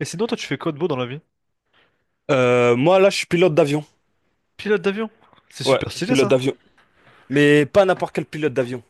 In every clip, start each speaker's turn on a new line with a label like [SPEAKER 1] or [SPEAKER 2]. [SPEAKER 1] Et sinon, toi, tu fais quoi de beau dans la vie?
[SPEAKER 2] Moi, là, je suis pilote d'avion.
[SPEAKER 1] Pilote d'avion. C'est
[SPEAKER 2] Ouais,
[SPEAKER 1] super stylé,
[SPEAKER 2] pilote
[SPEAKER 1] ça.
[SPEAKER 2] d'avion. Mais pas n'importe quel pilote d'avion.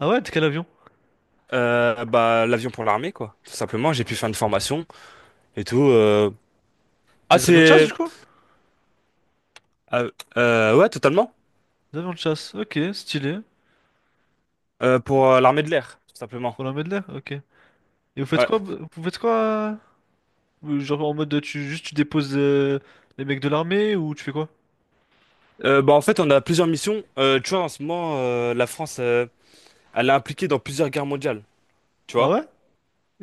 [SPEAKER 1] Ah ouais, t'es quel avion?
[SPEAKER 2] L'avion pour l'armée, quoi. Tout simplement, j'ai pu faire une formation et tout. Ah,
[SPEAKER 1] Les avions de chasse, du
[SPEAKER 2] c'est...
[SPEAKER 1] coup?
[SPEAKER 2] euh, ouais, totalement.
[SPEAKER 1] Les avions de chasse. Ok, stylé.
[SPEAKER 2] Pour l'armée de l'air, tout simplement.
[SPEAKER 1] Pour la Medley, ok. Et vous faites
[SPEAKER 2] Ouais.
[SPEAKER 1] quoi? Vous faites quoi? Genre en mode, tu juste tu déposes les mecs de l'armée ou tu fais quoi?
[SPEAKER 2] En fait, on a plusieurs missions. Tu vois, en ce moment, la France, elle est impliquée dans plusieurs guerres mondiales. Tu
[SPEAKER 1] Ah
[SPEAKER 2] vois?
[SPEAKER 1] ouais?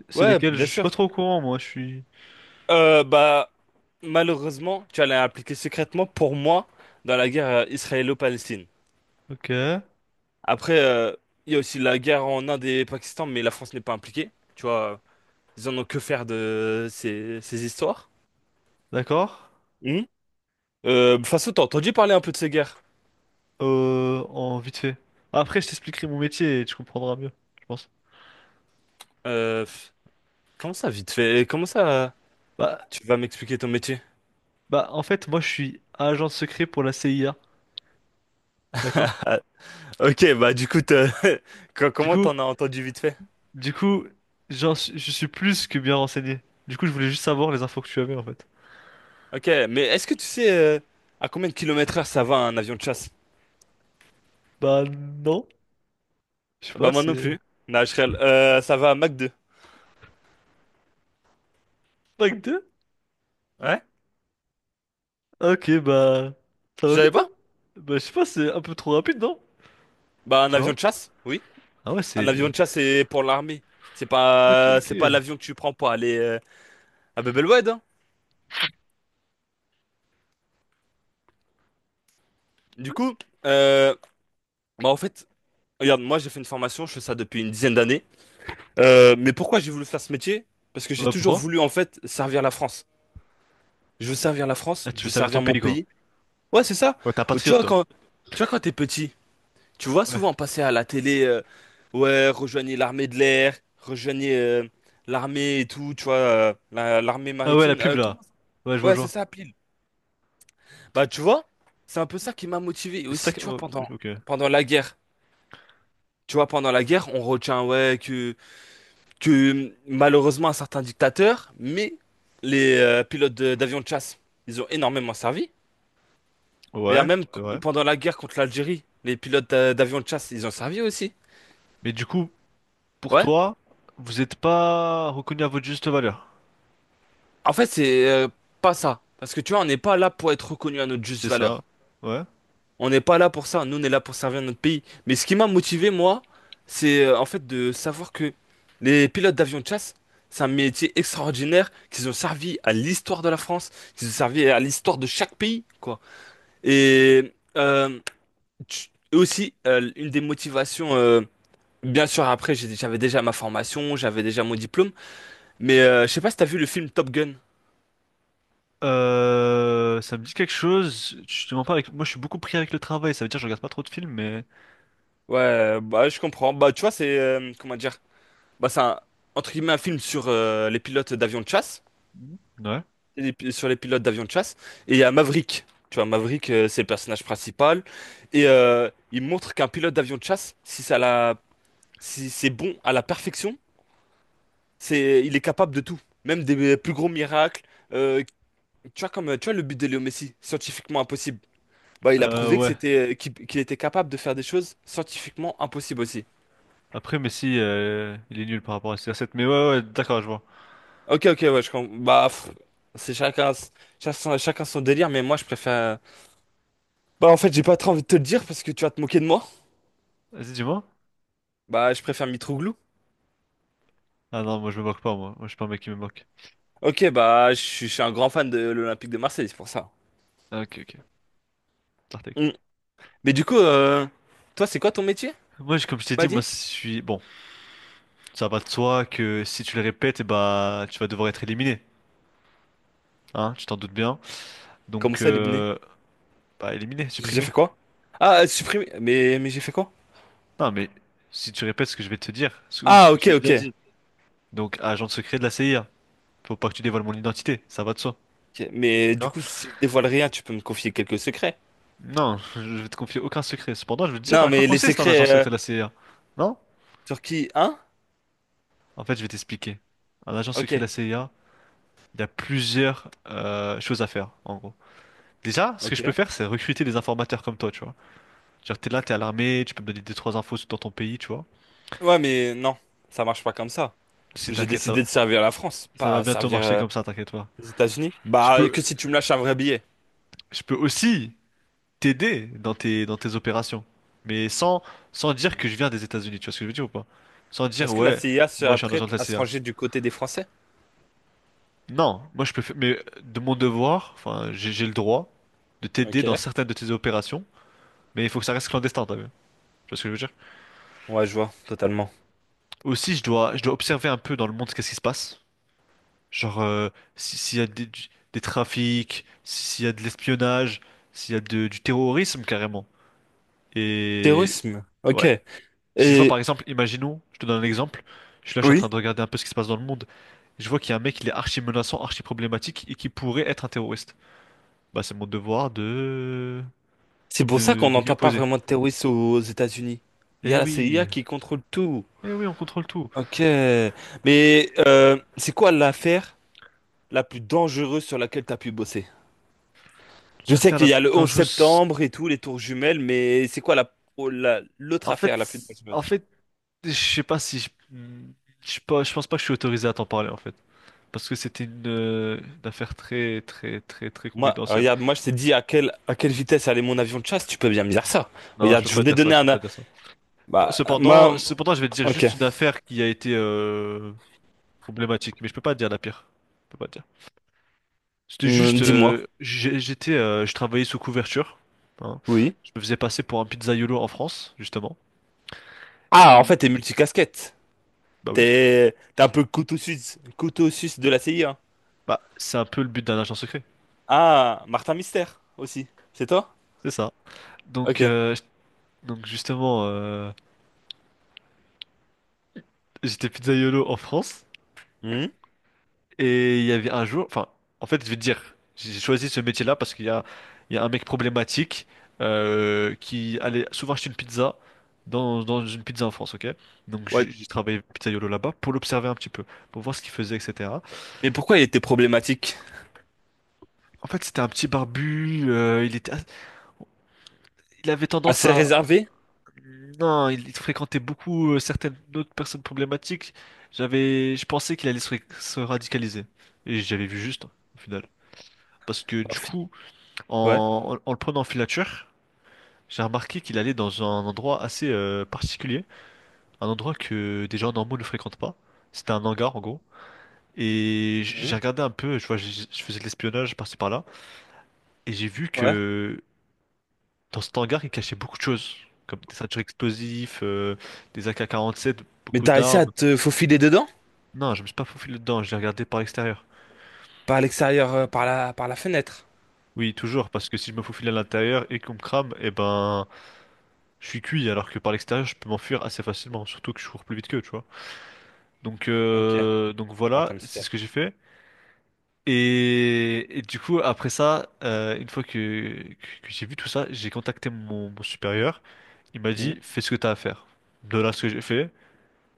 [SPEAKER 1] C'est
[SPEAKER 2] Ouais,
[SPEAKER 1] lesquels? Je
[SPEAKER 2] bien
[SPEAKER 1] suis pas
[SPEAKER 2] sûr.
[SPEAKER 1] trop au courant, moi. Je suis.
[SPEAKER 2] Euh, bah, Malheureusement, tu vois, elle est impliquée secrètement pour moi dans la guerre israélo-palestine.
[SPEAKER 1] Ok,
[SPEAKER 2] Après, il y a aussi la guerre en Inde et Pakistan, mais la France n'est pas impliquée. Tu vois, ils en ont que faire de ces histoires.
[SPEAKER 1] d'accord.
[SPEAKER 2] Hum. Faso, t'as entendu parler un peu de ces guerres?
[SPEAKER 1] En vite fait. Après, je t'expliquerai mon métier et tu comprendras mieux, je pense.
[SPEAKER 2] Euh, pff, comment ça, vite fait? Comment ça,
[SPEAKER 1] Bah,
[SPEAKER 2] tu vas m'expliquer ton métier?
[SPEAKER 1] bah, en fait, moi, je suis agent secret pour la CIA. D'accord?
[SPEAKER 2] Ah, ok, bah du coup,
[SPEAKER 1] Du
[SPEAKER 2] comment
[SPEAKER 1] coup.
[SPEAKER 2] t'en as entendu vite fait?
[SPEAKER 1] Du coup, je suis plus que bien renseigné. Du coup, je voulais juste savoir les infos que tu avais en fait.
[SPEAKER 2] Ok, mais est-ce que tu sais à combien de kilomètres heure ça va un avion de chasse?
[SPEAKER 1] Bah non, je sais pas,
[SPEAKER 2] Bah moi non
[SPEAKER 1] c'est...
[SPEAKER 2] plus. Non, je rigole. Ça va à Mach 2.
[SPEAKER 1] Pack 2.
[SPEAKER 2] Ouais?
[SPEAKER 1] Ok, bah... Ça
[SPEAKER 2] Tu
[SPEAKER 1] va
[SPEAKER 2] savais
[SPEAKER 1] vite, hein?
[SPEAKER 2] pas?
[SPEAKER 1] Bah je sais pas, c'est un peu trop rapide, non?
[SPEAKER 2] Bah un
[SPEAKER 1] Tu
[SPEAKER 2] avion
[SPEAKER 1] vois?
[SPEAKER 2] de chasse, oui.
[SPEAKER 1] Ah ouais,
[SPEAKER 2] Un avion
[SPEAKER 1] c'est...
[SPEAKER 2] de chasse, c'est pour l'armée.
[SPEAKER 1] Ok, ok.
[SPEAKER 2] C'est pas l'avion que tu prends pour aller à Bebelwed, hein. Du coup, euh, en fait, regarde, moi j'ai fait une formation, je fais ça depuis une 10aine d'années. Mais pourquoi j'ai voulu faire ce métier? Parce que j'ai
[SPEAKER 1] Bah
[SPEAKER 2] toujours
[SPEAKER 1] pourquoi?
[SPEAKER 2] voulu en fait servir la France. Je veux servir la France,
[SPEAKER 1] Ah, tu
[SPEAKER 2] je
[SPEAKER 1] veux
[SPEAKER 2] veux
[SPEAKER 1] servir ton
[SPEAKER 2] servir mon
[SPEAKER 1] pays, quoi.
[SPEAKER 2] pays. Ouais, c'est ça.
[SPEAKER 1] Ouais, t'es un
[SPEAKER 2] Oh,
[SPEAKER 1] patriote, toi.
[SPEAKER 2] tu vois quand t'es petit, tu vois
[SPEAKER 1] Ouais.
[SPEAKER 2] souvent passer à la télé, ouais, rejoignez l'armée de l'air, rejoignez l'armée et tout, tu vois, l'armée
[SPEAKER 1] Ah ouais, la
[SPEAKER 2] maritime.
[SPEAKER 1] pub, là. Ouais, je vois,
[SPEAKER 2] Ouais,
[SPEAKER 1] je
[SPEAKER 2] c'est
[SPEAKER 1] vois.
[SPEAKER 2] ça, pile. Bah, tu vois, c'est un peu ça qui m'a motivé. Et aussi, tu vois,
[SPEAKER 1] Oh, ok.
[SPEAKER 2] pendant la guerre, tu vois, pendant la guerre, on retient, ouais, que malheureusement, un certain dictateur, mais les pilotes d'avions de chasse, ils ont énormément servi. Regarde,
[SPEAKER 1] Ouais,
[SPEAKER 2] même
[SPEAKER 1] c'est vrai.
[SPEAKER 2] pendant la guerre contre l'Algérie, les pilotes d'avions de chasse, ils ont servi aussi.
[SPEAKER 1] Mais du coup, pour
[SPEAKER 2] Ouais.
[SPEAKER 1] toi, vous êtes pas reconnu à votre juste valeur.
[SPEAKER 2] En fait, c'est pas ça. Parce que, tu vois, on n'est pas là pour être reconnu à notre juste
[SPEAKER 1] C'est ça.
[SPEAKER 2] valeur.
[SPEAKER 1] Ouais.
[SPEAKER 2] On n'est pas là pour ça, nous on est là pour servir notre pays. Mais ce qui m'a motivé, moi, c'est en fait de savoir que les pilotes d'avions de chasse, c'est un métier extraordinaire, qu'ils ont servi à l'histoire de la France, qu'ils ont servi à l'histoire de chaque pays, quoi. Et euh, et aussi, une des motivations, bien sûr, après, j'avais déjà ma formation, j'avais déjà mon diplôme, mais je sais pas si t'as vu le film Top Gun.
[SPEAKER 1] Ça me dit quelque chose. Je te mens pas avec. Moi, je suis beaucoup pris avec le travail. Ça veut dire que je regarde pas trop de films, mais
[SPEAKER 2] Ouais, bah je comprends. Bah tu vois, comment dire, bah c'est un, entre guillemets, un film sur les pilotes d'avions de chasse.
[SPEAKER 1] mhm, ouais.
[SPEAKER 2] Sur les pilotes d'avions de chasse. Et il y a Maverick. Tu vois, Maverick, c'est le personnage principal. Et il montre qu'un pilote d'avion de chasse, si c'est bon à la perfection, c'est, il est capable de tout. Même des plus gros miracles. Euh, Tu vois, tu vois, le but de Léo Messi, scientifiquement impossible. Bah, il a
[SPEAKER 1] Euh,
[SPEAKER 2] prouvé que
[SPEAKER 1] ouais.
[SPEAKER 2] qu'il était capable de faire des choses scientifiquement impossibles aussi.
[SPEAKER 1] Après, mais si, il est nul par rapport à ces recettes. Mais ouais, d'accord, je vois.
[SPEAKER 2] Ok, ok, ouais, je comprends. Bah, pff, c'est chacun, chacun son délire, mais moi, je préfère. Bah, en fait, j'ai pas très envie de te le dire parce que tu vas te moquer de moi.
[SPEAKER 1] Vas-y, dis-moi.
[SPEAKER 2] Bah, je préfère Mitroglou.
[SPEAKER 1] Ah non, moi, je me moque pas, moi. Moi, je suis pas un mec qui me moque.
[SPEAKER 2] Ok, bah, je suis un grand fan de l'Olympique de Marseille, c'est pour ça.
[SPEAKER 1] Ah, ok, ok. Tartek.
[SPEAKER 2] Mm. Mais du coup, toi, c'est quoi ton métier?
[SPEAKER 1] Comme je
[SPEAKER 2] Tu
[SPEAKER 1] t'ai
[SPEAKER 2] m'as
[SPEAKER 1] dit, moi,
[SPEAKER 2] dit?
[SPEAKER 1] je suis. Bon, ça va de soi que si tu le répètes, eh bah, tu vas devoir être éliminé. Hein, tu t'en doutes bien.
[SPEAKER 2] Comment
[SPEAKER 1] Donc,
[SPEAKER 2] ça, éliminer?
[SPEAKER 1] bah, éliminé,
[SPEAKER 2] J'ai
[SPEAKER 1] supprimé.
[SPEAKER 2] fait quoi? Ah, supprimer. Mais j'ai fait quoi?
[SPEAKER 1] Non, mais si tu répètes ce que je vais te dire, ou ce
[SPEAKER 2] Ah,
[SPEAKER 1] que je
[SPEAKER 2] ok,
[SPEAKER 1] t'ai
[SPEAKER 2] ok.
[SPEAKER 1] déjà dit. Donc, agent secret de la CIA. Faut pas que tu dévoiles mon identité, ça va de soi,
[SPEAKER 2] Ok, mais du
[SPEAKER 1] d'accord?
[SPEAKER 2] coup, si je dévoile rien, tu peux me confier quelques secrets.
[SPEAKER 1] Non, je vais te confier aucun secret. Cependant, je veux te dire
[SPEAKER 2] Non,
[SPEAKER 1] à quoi
[SPEAKER 2] mais les
[SPEAKER 1] consiste un agent
[SPEAKER 2] secrets
[SPEAKER 1] secret de la CIA. Non?
[SPEAKER 2] sur qui? Hein?
[SPEAKER 1] En fait, je vais t'expliquer. Un agent
[SPEAKER 2] Ok,
[SPEAKER 1] secret de la CIA, il y a plusieurs choses à faire, en gros. Déjà, ce que je peux
[SPEAKER 2] ok.
[SPEAKER 1] faire, c'est recruter des informateurs comme toi, tu vois. Genre, t'es là, t'es à l'armée, tu peux me donner deux, trois infos dans ton pays, tu vois.
[SPEAKER 2] Ouais, mais non, ça marche pas comme ça.
[SPEAKER 1] Si
[SPEAKER 2] J'ai
[SPEAKER 1] t'inquiète,
[SPEAKER 2] décidé de servir la France,
[SPEAKER 1] ça va
[SPEAKER 2] pas
[SPEAKER 1] bientôt
[SPEAKER 2] servir
[SPEAKER 1] marcher comme ça, t'inquiète pas.
[SPEAKER 2] les États-Unis.
[SPEAKER 1] Je
[SPEAKER 2] Bah,
[SPEAKER 1] peux,
[SPEAKER 2] que si tu me lâches un vrai billet.
[SPEAKER 1] je peux aussi t'aider dans dans tes opérations. Mais sans, sans dire que je viens des États-Unis, tu vois ce que je veux dire ou pas? Sans dire,
[SPEAKER 2] Est-ce que la
[SPEAKER 1] ouais,
[SPEAKER 2] CIA
[SPEAKER 1] moi
[SPEAKER 2] serait
[SPEAKER 1] je suis un agent de
[SPEAKER 2] prête
[SPEAKER 1] la
[SPEAKER 2] à se
[SPEAKER 1] CIA.
[SPEAKER 2] ranger du côté des Français?
[SPEAKER 1] Non, moi je peux faire, mais de mon devoir, enfin, j'ai le droit de t'aider
[SPEAKER 2] Ok.
[SPEAKER 1] dans certaines de tes opérations, mais il faut que ça reste clandestin, t'as vu? Tu vois ce que je veux dire?
[SPEAKER 2] Ouais, je vois, totalement.
[SPEAKER 1] Aussi, je dois observer un peu dans le monde qu'est-ce qui se passe. Genre, s'il y a des trafics, s'il y a de l'espionnage, s'il y a du terrorisme carrément. Et
[SPEAKER 2] Terrorisme. Ok.
[SPEAKER 1] ouais. Si je vois
[SPEAKER 2] Et
[SPEAKER 1] par exemple, imaginons, je te donne un exemple, je suis là, je suis en
[SPEAKER 2] oui,
[SPEAKER 1] train de regarder un peu ce qui se passe dans le monde. Je vois qu'il y a un mec, il est archi menaçant, archi problématique et qui pourrait être un terroriste. Bah c'est mon devoir
[SPEAKER 2] c'est pour ça qu'on
[SPEAKER 1] de m'y
[SPEAKER 2] n'entend pas
[SPEAKER 1] opposer.
[SPEAKER 2] vraiment de terrorisme aux États-Unis. Il y
[SPEAKER 1] Eh
[SPEAKER 2] a la
[SPEAKER 1] oui,
[SPEAKER 2] CIA qui contrôle tout.
[SPEAKER 1] eh oui, on contrôle tout.
[SPEAKER 2] Ok. Mais c'est quoi l'affaire la plus dangereuse sur laquelle tu as pu bosser? Je sais
[SPEAKER 1] L'affaire
[SPEAKER 2] qu'il
[SPEAKER 1] la
[SPEAKER 2] y a
[SPEAKER 1] plus
[SPEAKER 2] le 11
[SPEAKER 1] dangereuse.
[SPEAKER 2] septembre et tout, les tours jumelles, mais c'est quoi oh, l'autre
[SPEAKER 1] En
[SPEAKER 2] affaire la plus
[SPEAKER 1] fait, en
[SPEAKER 2] dangereuse?
[SPEAKER 1] fait, je sais pas si je, je sais pas, je pense pas que je suis autorisé à t'en parler en fait, parce que c'était une affaire très très très très
[SPEAKER 2] Moi,
[SPEAKER 1] confidentielle.
[SPEAKER 2] regarde, moi je t'ai dit à à quelle vitesse allait mon avion de chasse, tu peux bien me dire ça.
[SPEAKER 1] Non, je
[SPEAKER 2] Regarde,
[SPEAKER 1] peux
[SPEAKER 2] je
[SPEAKER 1] pas
[SPEAKER 2] voulais
[SPEAKER 1] dire ça,
[SPEAKER 2] donner
[SPEAKER 1] je peux
[SPEAKER 2] un,
[SPEAKER 1] pas dire ça.
[SPEAKER 2] Bah,
[SPEAKER 1] Cependant,
[SPEAKER 2] moi,
[SPEAKER 1] cependant, je vais te dire
[SPEAKER 2] ok.
[SPEAKER 1] juste une affaire qui a été problématique, mais je peux pas te dire la pire. Je peux pas te dire. C'était juste,
[SPEAKER 2] Dis-moi.
[SPEAKER 1] j'étais, je travaillais sous couverture. Hein.
[SPEAKER 2] Oui.
[SPEAKER 1] Je me faisais passer pour un pizzaïolo en France, justement.
[SPEAKER 2] Ah, en
[SPEAKER 1] Mm.
[SPEAKER 2] fait, t'es multicasquette.
[SPEAKER 1] Bah oui.
[SPEAKER 2] T'es un peu couteau suisse de la CIA.
[SPEAKER 1] Bah, c'est un peu le but d'un agent secret.
[SPEAKER 2] Ah, Martin Mystère aussi. C'est toi?
[SPEAKER 1] C'est ça.
[SPEAKER 2] Ok.
[SPEAKER 1] Donc, euh, donc justement, j'étais pizzaïolo en France.
[SPEAKER 2] Hmm.
[SPEAKER 1] Et il y avait un jour, enfin, en fait, je vais te dire, j'ai choisi ce métier-là parce qu'il y a, il y a un mec problématique qui allait souvent acheter une pizza dans une pizza en France, ok? Donc
[SPEAKER 2] Ouais.
[SPEAKER 1] j'ai travaillé pizzaiolo là-bas pour l'observer un petit peu, pour voir ce qu'il faisait, etc.
[SPEAKER 2] Mais pourquoi il était problématique?
[SPEAKER 1] En fait, c'était un petit barbu, il avait tendance
[SPEAKER 2] Assez
[SPEAKER 1] à,
[SPEAKER 2] réservé?
[SPEAKER 1] non, il fréquentait beaucoup certaines autres personnes problématiques. Je pensais qu'il allait se radicaliser, et j'avais vu juste, hein, au final, parce que
[SPEAKER 2] Oh,
[SPEAKER 1] du
[SPEAKER 2] fi-
[SPEAKER 1] coup.
[SPEAKER 2] Ouais.
[SPEAKER 1] En le prenant en filature, j'ai remarqué qu'il allait dans un endroit assez particulier, un endroit que des gens normaux ne fréquentent pas. C'était un hangar en gros. Et
[SPEAKER 2] Hmm.
[SPEAKER 1] j'ai regardé un peu, je vois, je faisais de l'espionnage par-ci par-là, et j'ai vu
[SPEAKER 2] Ouais.
[SPEAKER 1] que dans cet hangar, il cachait beaucoup de choses, comme des ceintures explosives, des AK-47,
[SPEAKER 2] Mais
[SPEAKER 1] beaucoup
[SPEAKER 2] t'as réussi à
[SPEAKER 1] d'armes.
[SPEAKER 2] te faufiler dedans?
[SPEAKER 1] Non, je me suis pas faufilé dedans, j'ai regardé par l'extérieur.
[SPEAKER 2] Par l'extérieur, par par la fenêtre.
[SPEAKER 1] Oui, toujours, parce que si je me faufile à l'intérieur et qu'on me crame, eh ben, je suis cuit, alors que par l'extérieur, je peux m'enfuir assez facilement, surtout que je cours plus vite qu'eux, tu vois.
[SPEAKER 2] Ok.
[SPEAKER 1] Donc
[SPEAKER 2] Martin
[SPEAKER 1] voilà, c'est ce
[SPEAKER 2] Mystère.
[SPEAKER 1] que j'ai fait. Et du coup, après ça, une fois que j'ai vu tout ça, j'ai contacté mon supérieur. Il m'a
[SPEAKER 2] Hmm.
[SPEAKER 1] dit, fais ce que t'as à faire. De là, ce que j'ai fait,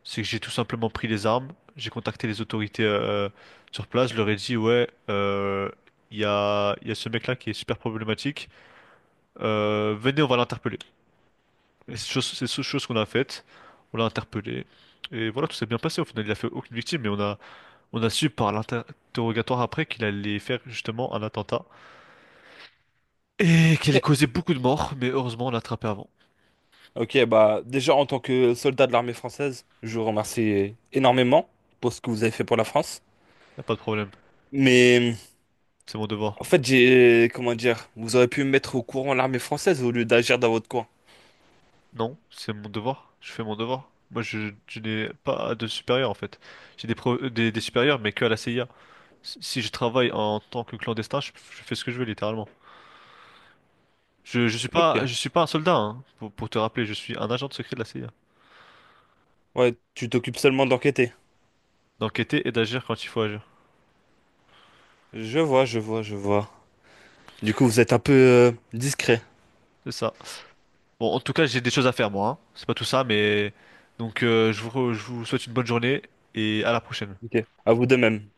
[SPEAKER 1] c'est que j'ai tout simplement pris les armes, j'ai contacté les autorités sur place, je leur ai dit, ouais, il y a ce mec-là qui est super problématique, venez, on va l'interpeller. Et c'est chose qu'on a faite, on l'a interpellé. Et voilà, tout s'est bien passé. Au final, il a fait aucune victime, mais on a su par l'interrogatoire après qu'il allait faire justement un attentat et qu'il allait
[SPEAKER 2] Ok,
[SPEAKER 1] causer beaucoup de morts, mais heureusement on l'a attrapé avant.
[SPEAKER 2] ok, bah, déjà en tant que soldat de l'armée française, je vous remercie énormément pour ce que vous avez fait pour la France.
[SPEAKER 1] Y a pas de problème,
[SPEAKER 2] Mais
[SPEAKER 1] c'est mon devoir.
[SPEAKER 2] en fait, j'ai... Comment dire? Vous auriez pu me mettre au courant l'armée française au lieu d'agir dans votre coin.
[SPEAKER 1] Non, c'est mon devoir, je fais mon devoir. Je n'ai pas de supérieur en fait. J'ai des supérieurs mais que à la CIA. Si je travaille en tant que clandestin, je fais ce que je veux littéralement.
[SPEAKER 2] Ok.
[SPEAKER 1] Je suis pas un soldat, hein, pour te rappeler, je suis un agent de secret de la CIA.
[SPEAKER 2] Ouais, tu t'occupes seulement d'enquêter.
[SPEAKER 1] D'enquêter et d'agir quand il faut agir.
[SPEAKER 2] Je vois, je vois, je vois. Du coup, vous êtes un peu discret.
[SPEAKER 1] C'est ça. Bon, en tout cas, j'ai des choses à faire, moi. Hein. C'est pas tout ça, mais... Donc, je vous souhaite une bonne journée et à la prochaine.
[SPEAKER 2] Ok. À vous de même.